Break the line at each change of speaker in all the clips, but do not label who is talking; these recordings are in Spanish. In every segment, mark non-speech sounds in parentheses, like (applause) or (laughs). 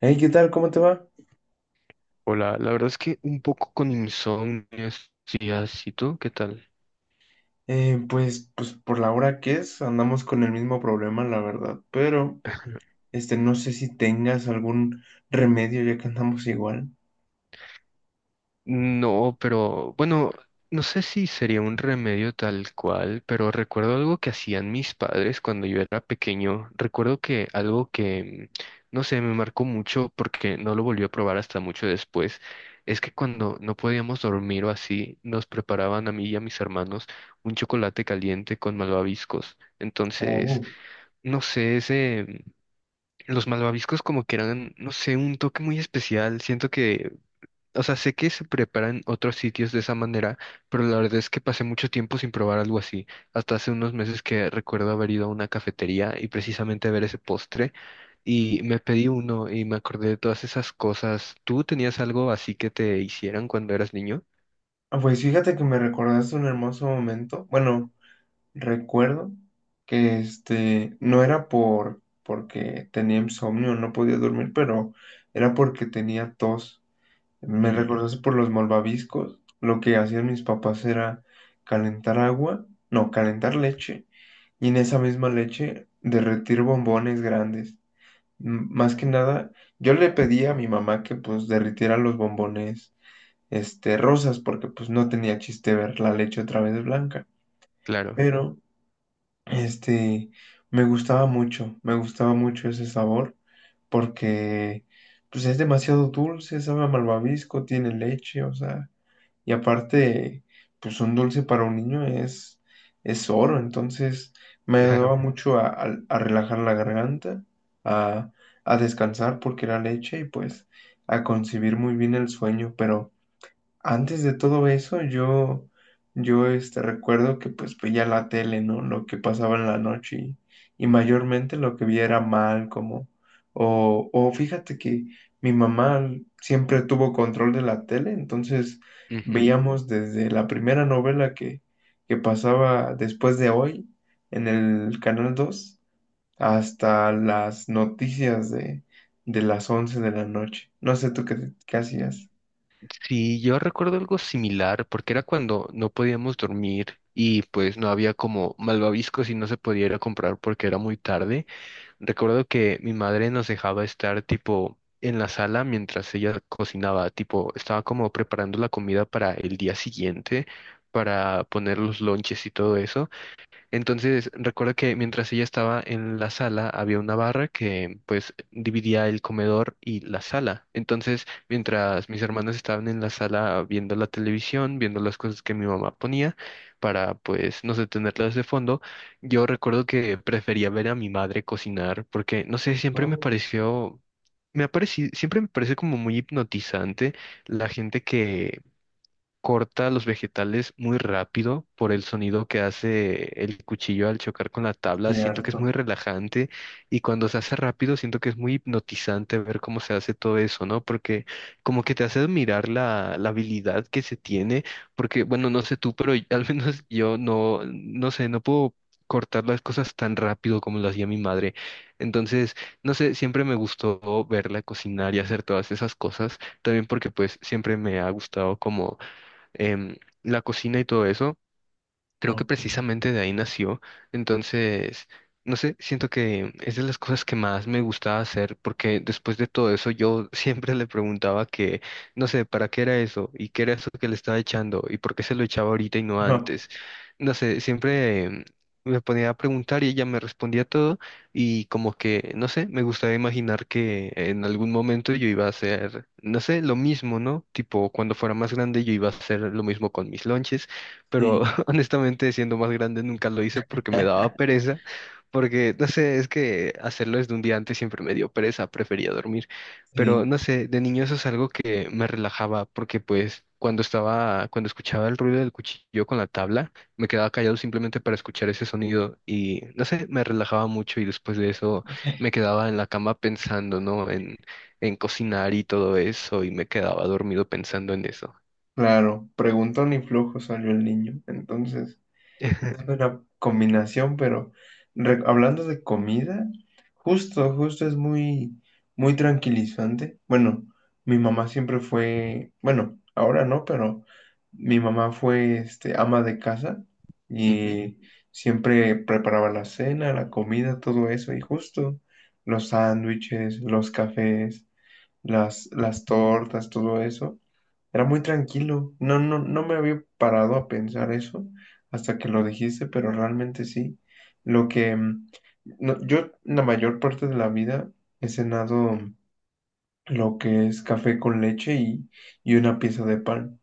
Hey, ¿qué tal? ¿Cómo te va?
Hola, la verdad es que un poco con insomnio estos días. ¿Y tú qué tal?
Pues por la hora que es, andamos con el mismo problema, la verdad. Pero, no sé si tengas algún remedio ya que andamos igual.
No, pero bueno, no sé si sería un remedio tal cual, pero recuerdo algo que hacían mis padres cuando yo era pequeño. Recuerdo que algo que, no sé, me marcó mucho porque no lo volví a probar hasta mucho después, es que cuando no podíamos dormir o así, nos preparaban a mí y a mis hermanos un chocolate caliente con malvaviscos. Entonces,
Oh,
no sé, Los malvaviscos como que eran, no sé, un toque muy especial. Siento que, o sea, sé que se preparan otros sitios de esa manera, pero la verdad es que pasé mucho tiempo sin probar algo así. Hasta hace unos meses que recuerdo haber ido a una cafetería y precisamente ver ese postre y me pedí uno y me acordé de todas esas cosas. ¿Tú tenías algo así que te hicieran cuando eras niño?
ah, pues fíjate que me recordaste un hermoso momento. Bueno, recuerdo que no era porque tenía insomnio, no podía dormir, pero era porque tenía tos. Me
Mm,
recordaste por los malvaviscos. Lo que hacían mis papás era calentar agua, no, calentar leche y en esa misma leche derretir bombones grandes. Más que nada, yo le pedí a mi mamá que pues derritiera los bombones rosas porque pues no tenía chiste ver la leche otra vez blanca,
claro,
pero este me gustaba mucho ese sabor porque pues es demasiado dulce, sabe a malvavisco, tiene leche, o sea, y aparte, pues un dulce para un niño es oro. Entonces
(laughs)
me
claro.
ayudaba mucho a relajar la garganta, a, a descansar porque era leche y pues a concebir muy bien el sueño. Pero antes de todo eso, yo recuerdo que pues veía la tele, ¿no? Lo que pasaba en la noche y mayormente lo que vi era mal, como, o fíjate que mi mamá siempre tuvo control de la tele, entonces
Ujú.
veíamos desde la primera novela que pasaba después de Hoy en el Canal 2 hasta las noticias de las 11 de la noche. No sé tú qué hacías.
Sí, yo recuerdo algo similar, porque era cuando no podíamos dormir y pues no había como malvaviscos y no se podía ir a comprar porque era muy tarde. Recuerdo que mi madre nos dejaba estar tipo en la sala mientras ella cocinaba, tipo estaba como preparando la comida para el día siguiente, para poner los lonches y todo eso. Entonces, recuerdo que mientras ella estaba en la sala, había una barra que pues dividía el comedor y la sala. Entonces, mientras mis hermanos estaban en la sala viendo la televisión, viendo las cosas que mi mamá ponía para pues no sé, tenerlas de fondo, yo recuerdo que prefería ver a mi madre cocinar porque no sé, siempre
No,
me ha parecido, siempre me parece como muy hipnotizante la gente que corta los vegetales muy rápido por el sonido que hace el cuchillo al chocar con la tabla. Siento que es
cierto.
muy relajante y cuando se hace rápido siento que es muy hipnotizante ver cómo se hace todo eso, ¿no? Porque como que te hace admirar la habilidad que se tiene, porque bueno, no sé tú, pero (laughs) al menos yo no, no sé, no puedo cortar las cosas tan rápido como lo hacía mi madre. Entonces, no sé, siempre me gustó verla cocinar y hacer todas esas cosas también porque pues siempre me ha gustado como em, la cocina y todo eso creo que
Ok.
precisamente de ahí nació. Entonces, no sé, siento que es de las cosas que más me gustaba hacer, porque después de todo eso yo (laughs) siempre le preguntaba que, no sé, ¿para qué era eso? ¿Y qué era eso que le estaba echando? ¿Y por qué se lo echaba ahorita y no
Ajá,
antes? No sé, siempre me ponía a preguntar y ella me respondía todo y como que, no sé, me gustaba imaginar que en algún momento yo iba a hacer, no sé, lo mismo, ¿no? Tipo, cuando fuera más grande yo iba a hacer lo mismo con mis lonches pero
sí,
(laughs) honestamente siendo más grande nunca lo hice porque me daba pereza, porque no sé, es que hacerlo desde un día antes siempre me dio pereza, prefería dormir, pero
sí,
no sé, de niño eso es algo que me relajaba porque pues cuando estaba, cuando escuchaba el ruido del cuchillo con la tabla, me quedaba callado simplemente para escuchar ese sonido y no sé, me relajaba mucho y después de eso me quedaba en la cama pensando, ¿no? En cocinar y todo eso y me quedaba dormido pensando en eso.
claro. Preguntón y flujo salió el niño. Entonces, no es
(laughs)
una combinación, pero hablando de comida, justo es muy tranquilizante. Bueno, mi mamá siempre fue, bueno, ahora no, pero mi mamá fue, ama de casa
Ujú,
y siempre preparaba la cena, la comida, todo eso, y justo los sándwiches, los cafés, las tortas, todo eso. Era muy tranquilo. No me había parado a pensar eso hasta que lo dijiste, pero realmente sí. Lo que yo la mayor parte de la vida he cenado lo que es café con leche y una pieza de pan.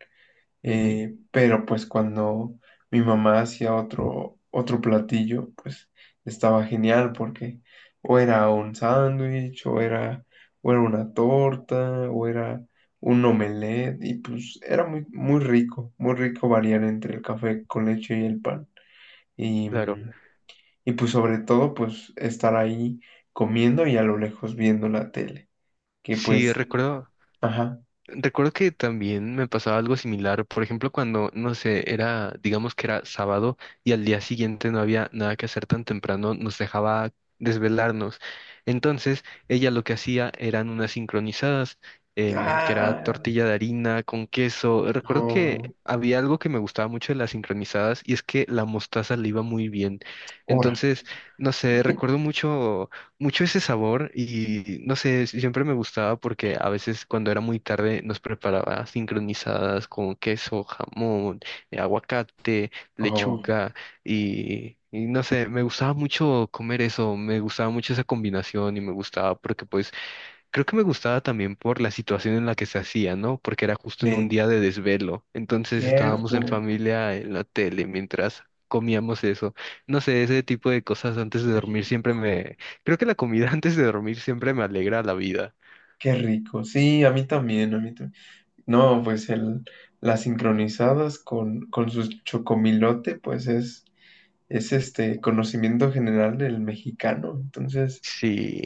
ujú,
Pero pues cuando mi mamá hacía otro platillo, pues estaba genial porque o era un sándwich, o era una torta, o era un omelette, y pues era muy rico variar entre el café con leche y el pan. Y,
claro.
y pues sobre todo, pues estar ahí comiendo y a lo lejos viendo la tele, que
Sí,
pues, ajá.
recuerdo que también me pasaba algo similar. Por ejemplo, cuando, no sé, era, digamos que era sábado y al día siguiente no había nada que hacer tan temprano, nos dejaba desvelarnos. Entonces, ella lo que hacía eran unas sincronizadas, que era
Ah,
tortilla de harina con queso. Recuerdo que
no,
había algo que me gustaba mucho de las sincronizadas y es que la mostaza le iba muy bien.
hora.
Entonces, no sé, recuerdo mucho ese sabor y no sé, siempre me gustaba porque a veces cuando era muy tarde nos preparaba sincronizadas con queso, jamón, aguacate,
Oh,
lechuga y no sé, me gustaba mucho comer eso, me gustaba mucho esa combinación y me gustaba porque pues creo que me gustaba también por la situación en la que se hacía, ¿no? Porque era justo en un
eh,
día de desvelo. Entonces estábamos en
cierto.
familia en la tele mientras comíamos eso. No sé, ese tipo de cosas antes
Qué
de dormir
rico.
siempre me... Creo que la comida (laughs) antes de dormir siempre me alegra la vida.
Qué rico. Sí, a mí también, a mí también. No, pues las sincronizadas con su chocomilote, pues es este conocimiento general del mexicano. Entonces,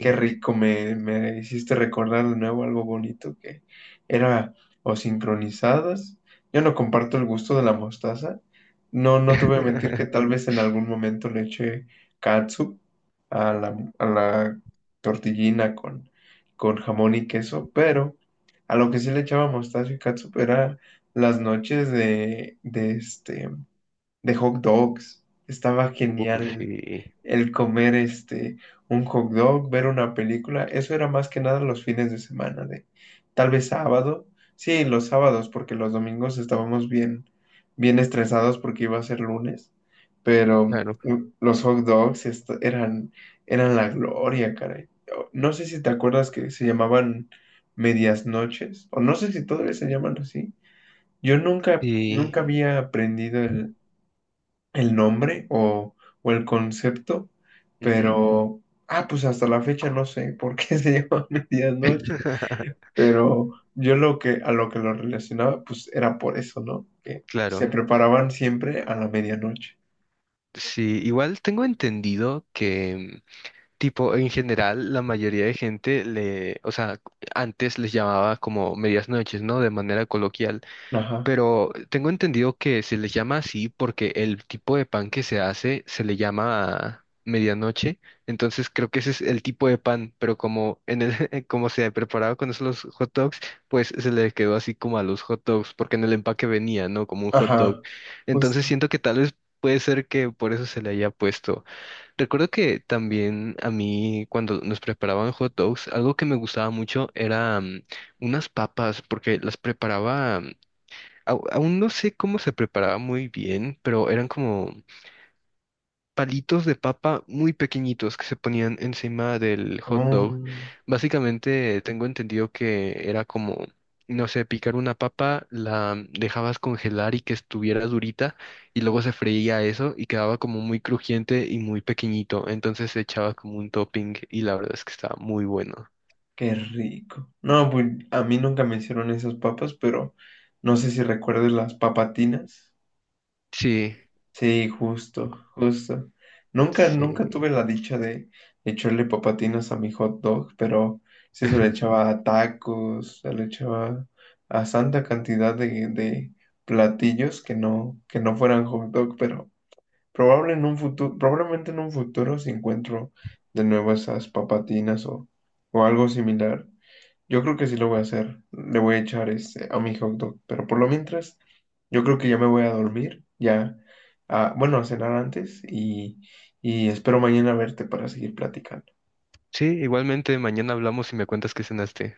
qué rico, me hiciste recordar de nuevo algo bonito que era o sincronizadas. Yo no comparto el gusto de la mostaza. No, no te voy a mentir que
(laughs)
tal vez en algún momento le eché katsu a a la tortillina con jamón y queso, pero a lo que sí le echaba mostaza y katsu era las noches de de hot dogs. Estaba
Uh,
genial
sí.
el comer un hot dog, ver una película. Eso era más que nada los fines de semana, de tal vez sábado. Sí, los sábados, porque los domingos estábamos bien estresados porque iba a ser lunes. Pero
Claro.
los hot dogs eran, eran la gloria, caray. No sé si te acuerdas que se llamaban medias noches, o no sé si todavía se llaman así. Yo nunca,
Sí.
nunca había aprendido el nombre o el concepto,
Ujú.
pero, ah, pues hasta la fecha no sé por qué (laughs) se llama medianoche,
(laughs)
pero yo lo a lo que lo relacionaba, pues era por eso, ¿no? Que se
Claro.
preparaban siempre a la medianoche.
Sí, igual tengo entendido que tipo, en general, la mayoría de gente o sea, antes les llamaba como medias noches, ¿no? De manera coloquial,
Ajá,
pero tengo entendido que se les llama así porque el tipo de pan que se hace se le llama medianoche, entonces creo que ese es el tipo de pan, pero como en (laughs) como se preparaba con eso los hot dogs, pues se le quedó así como a los hot dogs, porque en el empaque venía, ¿no? Como un hot dog.
ajá,
Entonces
justo.
siento que tal vez puede ser que por eso se le haya puesto. Recuerdo que también a mí cuando nos preparaban hot dogs, algo que me gustaba mucho era unas papas, porque las preparaba, aún no sé cómo se preparaba muy bien, pero eran como palitos de papa muy pequeñitos que se ponían encima del hot dog.
Oh,
Básicamente tengo entendido que era como, no sé, picar una papa, la dejabas congelar y que estuviera durita y luego se freía eso y quedaba como muy crujiente y muy pequeñito. Entonces se echaba como un topping y la verdad es que estaba muy bueno.
qué rico. No, pues a mí nunca me hicieron esas papas, pero no sé si recuerdes las papatinas.
Sí,
Sí, justo, justo. Nunca
sí.
tuve la dicha de echarle papatinas a mi hot dog, pero sí se le
(laughs)
echaba a tacos, se le echaba a santa cantidad de platillos que no fueran hot dog, pero probablemente en un futuro si encuentro de nuevo esas papatinas o algo similar, yo creo que sí lo voy a hacer. Le voy a echar a mi hot dog. Pero por lo mientras, yo creo que ya me voy a dormir. Ya, ah, bueno, a cenar antes y espero mañana verte para seguir platicando.
Sí, igualmente mañana hablamos y me cuentas qué cenaste.